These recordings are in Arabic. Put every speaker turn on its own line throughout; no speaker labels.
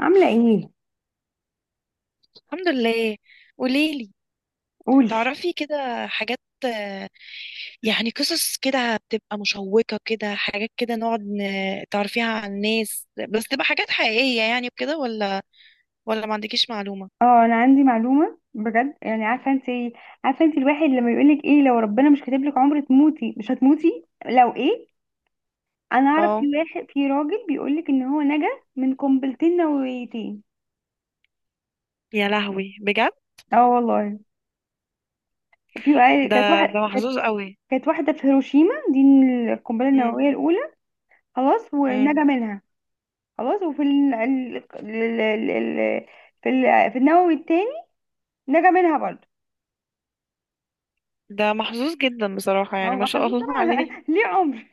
عاملة ايه؟
الحمد لله. قوليلي،
قولي.
تعرفي كده حاجات، آه، يعني قصص كده بتبقى مشوقة، كده حاجات كده نقعد تعرفيها عن الناس، بس تبقى حاجات حقيقية يعني وكده، ولا ولا ما عندكيش معلومة؟
اه انا عندي معلومة بجد. يعني عارفة انت، عارفة انت الواحد لما يقولك ايه؟ لو ربنا مش كاتب لك عمر تموتي مش هتموتي، لو ايه؟ انا اعرف في
اه.
واحد، في راجل بيقولك ان هو نجا من قنبلتين نوويتين.
يا لهوي بجد.
اه والله. في
ده
كانت
ده
واحدة كانت
محظوظ قوي.
كانت واحدة في هيروشيما دي، القنبلة
امم.
النووية الأولى. خلاص
امم.
ونجا منها. خلاص، وفي في النووي التاني، نجا منها برضه.
ده محظوظ جدا بصراحة،
هو
يعني ما شاء
محظوظ
الله
طبعا
عليه.
ليه عمر.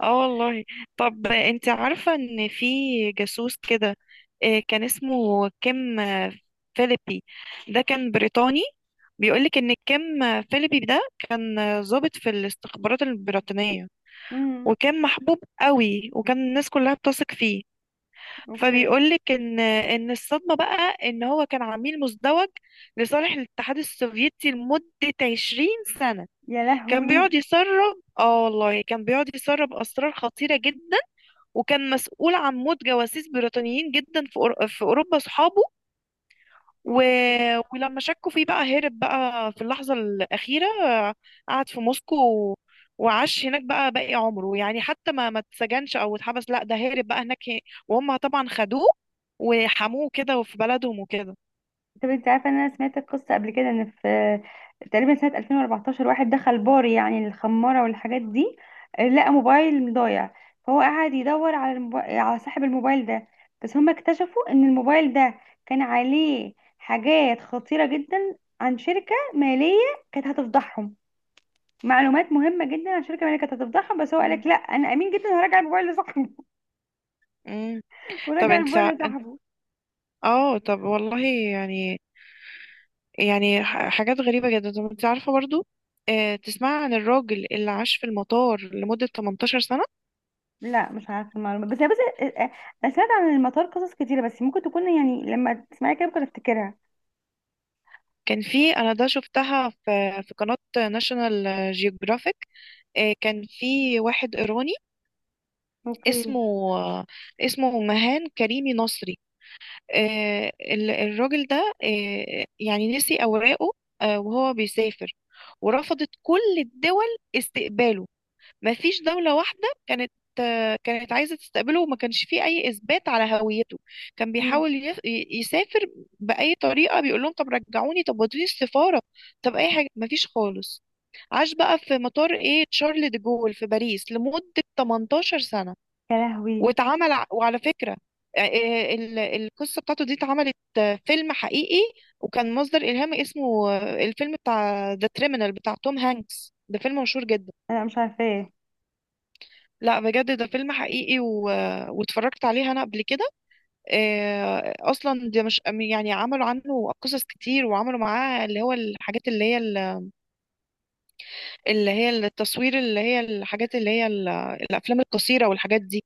اه والله. طب انت عارفة ان في جاسوس كده، كان اسمه كيم فيليبي، ده كان بريطاني. بيقولك ان كيم فيليبي ده كان ضابط في الاستخبارات البريطانية،
مم.
وكان محبوب قوي، وكان الناس كلها بتثق فيه.
اوكي.
فبيقولك ان الصدمة بقى ان هو كان عميل مزدوج لصالح الاتحاد السوفيتي لمدة 20 سنة.
يا
كان بيقعد
لهوي.
يسرب، اه والله، كان بيقعد يسرب اسرار خطيرة جدا، وكان مسؤول عن موت جواسيس بريطانيين جدا في في أوروبا صحابه، و...
اوكي.
ولما شكوا فيه بقى هرب بقى في اللحظة الأخيرة. قعد في موسكو و... وعاش هناك بقى باقي عمره، يعني حتى ما اتسجنش أو اتحبس، لا ده هرب بقى هناك. وهم طبعا خدوه وحموه كده، وفي بلدهم وكده.
طب انت عارفه ان انا سمعت القصه قبل كده؟ ان في تقريبا سنه 2014 واحد دخل بار يعني الخماره والحاجات دي، لقى موبايل ضايع. فهو قعد يدور على صاحب الموبايل ده. بس هم اكتشفوا ان الموبايل ده كان عليه حاجات خطيره جدا عن شركه ماليه كانت هتفضحهم. معلومات مهمه جدا عن شركه ماليه كانت هتفضحهم. بس هو
مم.
قالك لا انا امين جدا، هراجع الموبايل لصاحبه.
مم. طب
ورجع
انت،
الموبايل
انت-
لصاحبه.
اه طب والله، يعني يعني حاجات غريبة جدا. طب انت عارفة برضو، اه، تسمع عن الراجل اللي عاش في المطار لمدة 18 سنة؟
لا مش عارفه المعلومه، بس بس انا سمعت عن المطار قصص كتيره، بس ممكن تكون يعني لما تسمعي كده ممكن افتكرها.
كان في، انا ده شفتها في قناة ناشونال جيوغرافيك. كان في واحد ايراني
اوكي.
اسمه آه، اسمه مهان كريمي نصري. الراجل ده يعني نسي اوراقه وهو بيسافر، ورفضت كل الدول استقباله. ما فيش دولة واحدة كانت كانت عايزة تستقبله، وما كانش فيه أي إثبات على هويته. كان
مم.
بيحاول يسافر بأي طريقة، بيقول لهم طب رجعوني، طب ودوني السفارة، طب أي حاجة، ما فيش خالص. عاش بقى في مطار إيه تشارل دي جول في باريس لمدة 18 سنة.
يا لهوي.
وعلى فكرة القصة بتاعته دي اتعملت فيلم حقيقي، وكان مصدر إلهام، اسمه الفيلم بتاع ذا كريمنال بتاع توم هانكس، ده فيلم مشهور جدا.
انا مش عارفاه.
لا بجد ده فيلم حقيقي واتفرجت عليه انا قبل كده. اصلا ده مش، يعني عملوا عنه قصص كتير، وعملوا معاه اللي هو الحاجات اللي هي اللي هي التصوير، اللي هي الحاجات اللي هي الافلام القصيره والحاجات دي.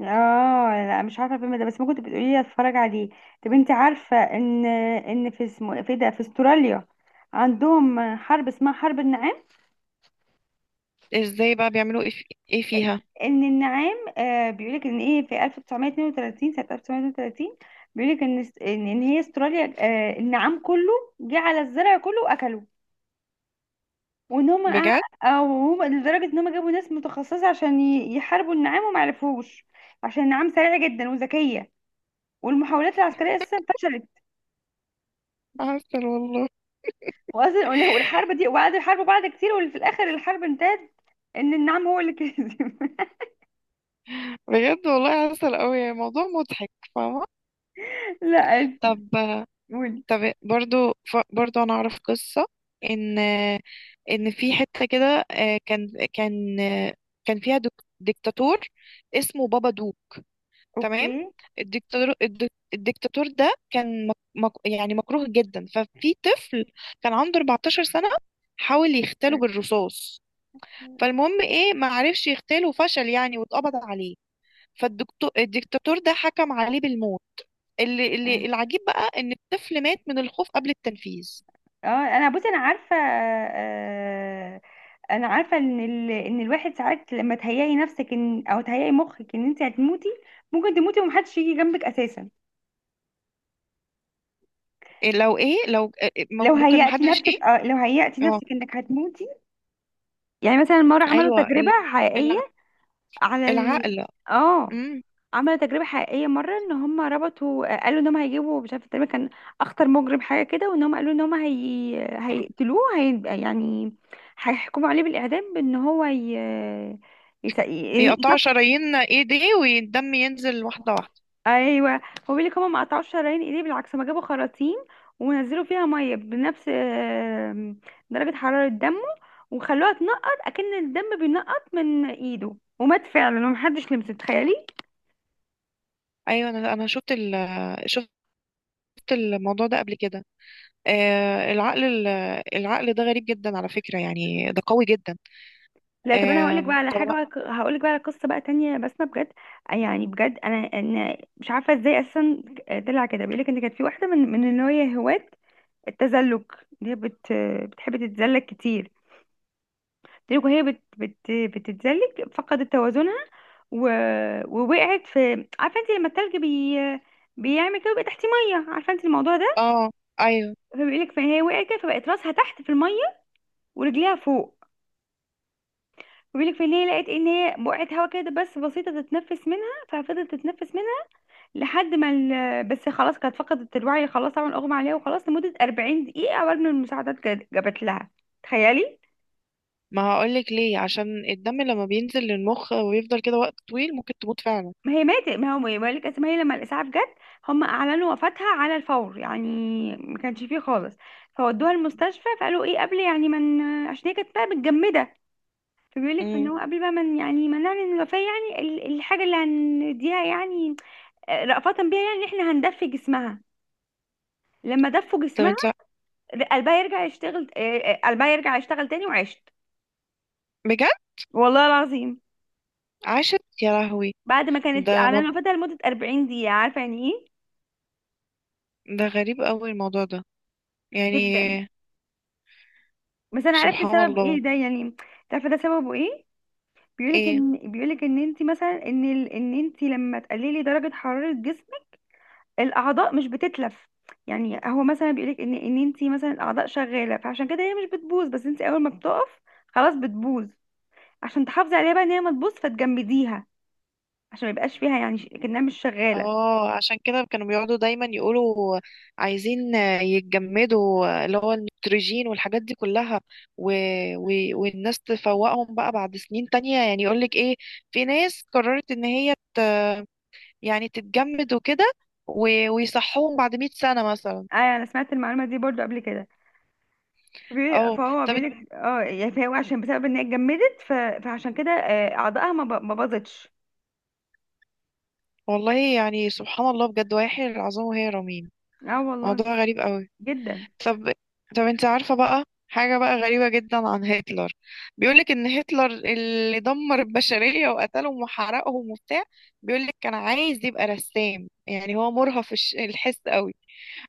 اه لا مش عارفه الفيلم ده، بس ممكن تبقي تقولي لي اتفرج عليه. طب انت عارفه ان في استراليا عندهم حرب اسمها حرب النعام.
ازاي بقى بيعملوا ايه إيه فيها؟
ان النعام، آه بيقولك ان ايه، في 1932، سنه 1932، بيقولك ان ان هي استراليا، آه النعام كله جه على الزرع كله واكله. وان هم أع...
بجد؟
او هم لدرجه ان هم جابوا ناس متخصصه عشان يحاربوا النعام وما عرفوش، عشان النعام سريعه جدا وذكيه، والمحاولات العسكريه اساسا فشلت.
عسل والله.
واصلا والحرب دي وقعدوا يحاربوا بعض كتير، وفي الاخر الحرب انتهت ان النعام هو اللي كسب.
بجد والله عسل قوي، موضوع مضحك، فاهمه؟
لا،
طب،
قولي.
طب برضو، برضو انا اعرف قصة، ان ان في حتة كده، كان فيها ديكتاتور اسمه بابا دو، تمام؟
اوكي.
الدكتاتور، الدكتاتور ده كان مك يعني مكروه جدا. ففي طفل كان عنده 14 سنة، حاول يغتاله بالرصاص. فالمهم ايه، ما عرفش يغتاله وفشل يعني، واتقبض عليه. فالدكتور، الدكتاتور ده حكم عليه بالموت. اللي العجيب بقى ان الطفل مات من الخوف قبل التنفيذ.
اه انا بصي، انا عارفه آه، انا عارفه ان الواحد ساعات لما تهيئي نفسك ان، او تهيئي مخك ان انت هتموتي، ممكن تموتي ومحدش يجي جنبك اساسا.
إيه لو ايه، لو إيه- إيه،
لو
ممكن
هيأتي
محدش ايه؟
نفسك، اه لو هيأتي
اه.
نفسك انك هتموتي. يعني مثلا مرة عملوا
ايوه
تجربة حقيقية
الع-
على ال،
العقل.
اه
امم.
عملوا تجربة حقيقية مرة ان هم ربطوا، قالوا ان هم هيجيبوا مش عارفة تقريبا كان اخطر مجرم حاجة كده، وان هم قالوا ان هم هيقتلوه، يعني هيحكموا عليه بالإعدام، بان هو
يقطعوا
يس...
شرايين ايديه والدم ينزل واحده واحده.
ايوه هو بيقول لك هما ما قطعوش شرايين ايديه، بالعكس ما جابوا خراطيم ونزلوا فيها ميه بنفس درجه حراره دمه، وخلوها تنقط اكن الدم بينقط من ايده، ومات فعلا ومحدش لمسه، تخيلي.
ايوه، انا شفت ال، شفت الموضوع ده قبل كده. آه العقل، العقل ده غريب جدا على فكره، يعني ده قوي جدا.
لا طب انا هقول
آه.
لك بقى على
طب
حاجه، بقى هقول لك بقى على قصه بقى تانية بسمه بجد. يعني بجد انا، انا مش عارفه ازاي اساسا طلع كده. بيقول لك ان كانت في واحده من اللي هي هواة التزلج، اللي هي بتحب تتزلج كتير. تلك وهي بت بت بتتزلج فقدت توازنها، و... ووقعت في، عارفه انت لما التلج بيعمل كده ويبقى تحت ميه، عارفه انت الموضوع ده؟
اه ايوه.
فبيقول لك فهي وقعت كده، فبقت راسها تحت في الميه ورجليها فوق. بيقول لك فان هي لقت ان هي بقعت هوا كده بس بسيطه تتنفس منها، ففضلت تتنفس منها لحد ما بس خلاص كانت فقدت الوعي، خلاص طبعا اغمى عليها وخلاص لمده 40 دقيقه قبل ما المساعدات جابت لها. تخيلي.
ما هقولك ليه، عشان الدم لما بينزل للمخ ويفضل كده وقت طويل ممكن تموت فعلا.
ما هي ماتت، ما هو بقول لك اسمها هي، لما الاسعاف جت هم اعلنوا وفاتها على الفور يعني، ما كانش فيه خالص. فودوها المستشفى فقالوا ايه، قبل يعني من، عشان هي كانت بقى متجمده، فبيقول لك ان
امم.
هو قبل بقى من يعني ما نعلن الوفاه، يعني الحاجه اللي هنديها يعني رأفة بيها، يعني ان احنا هندفي جسمها. لما دفوا
طب
جسمها،
انت.
قلبها يرجع يشتغل، قلبها يرجع يشتغل تاني وعشت،
بجد؟
والله العظيم.
عاشت؟ يا لهوي.
بعد ما كانت
ده
اعلنوا اه وفاتها لمده 40 دقيقه، عارفه يعني ايه؟
ده غريب قوي الموضوع ده يعني.
جدا. بس انا عرفت
سبحان
سبب
الله.
ايه ده يعني، عارفه ده سببه ايه؟
ايه.
بيقولك ان انت مثلا ان انت لما تقللي درجه حراره جسمك، الاعضاء مش بتتلف. يعني هو مثلا بيقولك ان انت مثلا الاعضاء شغاله، فعشان كده هي مش بتبوظ. بس انت اول ما بتقف خلاص بتبوظ. عشان تحافظي عليها بقى ان هي ما تبوظ فتجمديها، عشان ما يبقاش فيها يعني كأنها مش شغاله.
اه عشان كده كانوا بيقعدوا دايما يقولوا عايزين يتجمدوا، اللي هو النيتروجين والحاجات دي كلها، و... و... والناس تفوقهم بقى بعد سنين تانية. يعني يقولك ايه، في ناس قررت ان هي يعني تتجمد وكده، ويصحوهم بعد 100 سنة مثلا.
ايوه انا سمعت المعلومه دي برضو قبل كده.
اه.
فهو
طب
بيقولك اه يعني فهو عشان بسبب ان هي اتجمدت فعشان كده اعضائها ما باظتش.
والله يعني سبحان الله بجد، ويحيي العظام وهي رميم.
اه والله.
موضوع غريب قوي.
جدا.
طب، طب انت عارفة بقى حاجة بقى غريبة جدا عن هتلر؟ بيقولك ان هتلر اللي دمر البشرية وقتلهم وحرقهم وبتاع، بيقولك كان عايز يبقى رسام، يعني هو مرهف الحس قوي.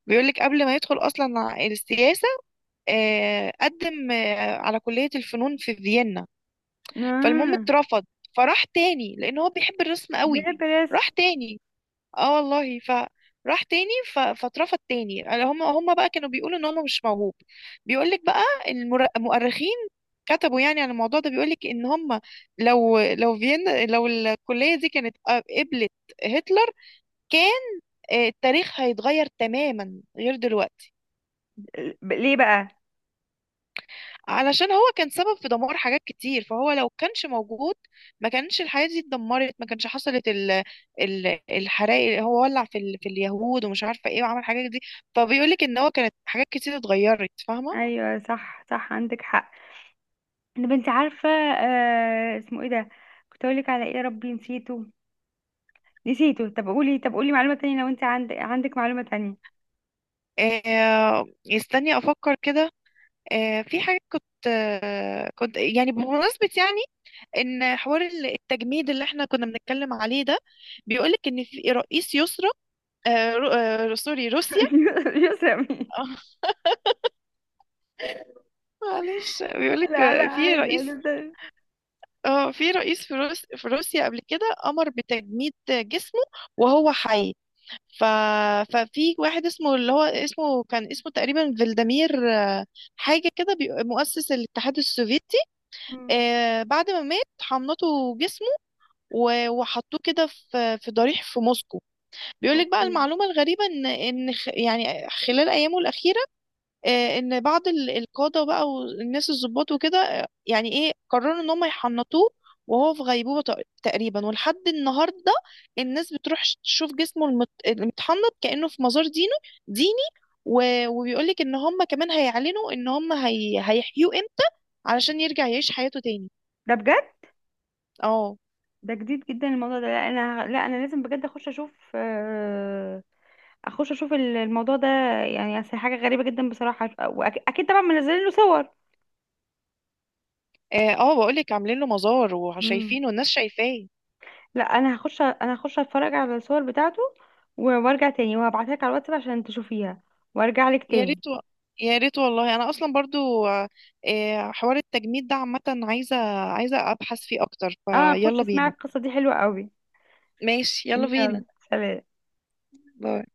بيقولك قبل ما يدخل اصلا السياسة، قدم على كلية الفنون في فيينا، فالمهم
آه.
اترفض. فراح تاني لان هو بيحب الرسم قوي،
بحب الرسم.
راح تاني، اه والله، فراح تاني فاترفض تاني. هم بقى كانوا بيقولوا ان هو مش موهوب. بيقول لك بقى المؤرخين كتبوا يعني عن الموضوع ده، بيقول لك ان هم لو فيينا، لو الكليه دي كانت قبلت هتلر، كان التاريخ هيتغير تماما غير دلوقتي.
ليه بقى؟
علشان هو كان سبب في دمار حاجات كتير، فهو لو كانش موجود ما كانش الحياة دي اتدمرت، ما كانش حصلت ال الحرائق اللي هو ولع في ال، في اليهود ومش عارفة ايه، وعمل حاجات دي. فبيقول لك ان هو كانت حاجات كتير اتغيرت، فاهمة؟
ايوه صح صح عندك حق. طب انت عارفه آه اسمه ايه ده، كنت اقول لك على ايه، يا ربي نسيته، نسيته. طب قولي، طب قولي معلومه تانية لو انت عندك، عندك معلومه تانية.
آه يستني افكر كده. آه في حاجة كنت، آه كنت يعني بمناسبة يعني، ان حوار التجميد اللي احنا كنا بنتكلم عليه ده، بيقول لك ان في رئيس يسرى، آه سوري روسيا.
يسامي.
معلش بيقولك،
لا لا
في
عادي
رئيس،
عادي ده.
اه في رئيس في في روسيا قبل كده امر بتجميد جسمه وهو حي. ف... ففي واحد اسمه، اللي هو اسمه، كان اسمه تقريبا فلاديمير حاجة كده مؤسس الاتحاد السوفيتي.
مم.
بعد ما مات حملته جسمه وحطوه كده في في ضريح في موسكو. بيقولك بقى
اوكي.
المعلومة الغريبة ان ان يعني خلال ايامه الأخيرة، ان بعض القاده بقى والناس الضباط وكده، يعني ايه قرروا ان هم يحنطوه وهو في غيبوبه تقريبا. ولحد النهارده الناس بتروح تشوف جسمه المتحنط كانه في مزار ديني. وبيقولك ان هم كمان هيعلنوا ان هم هيحيوه امتى علشان يرجع يعيش حياته تاني.
ده بجد؟
اه.
ده جديد جدا الموضوع ده. لا انا، لا انا لازم بجد اخش اشوف، اخش اشوف الموضوع ده. يعني أصل حاجه غريبه جدا بصراحه، واكيد طبعا منزلين له
اه، بقولك عاملين له مزار
صور.
وشايفينه، الناس شايفاه.
لا انا هخش، انا هخش اتفرج على الصور بتاعته، وارجع تاني وهبعتها لك على الواتساب عشان تشوفيها، وارجع لك
يا
تاني.
ريت يا ريت والله. انا اصلا برضو حوار التجميد ده عامه عايزه، عايزه ابحث فيه اكتر،
اه خش
فيلا
اسمعي
بينا.
القصة دي حلوة قوي.
ماشي يلا بينا.
يلا. سلام.
باي.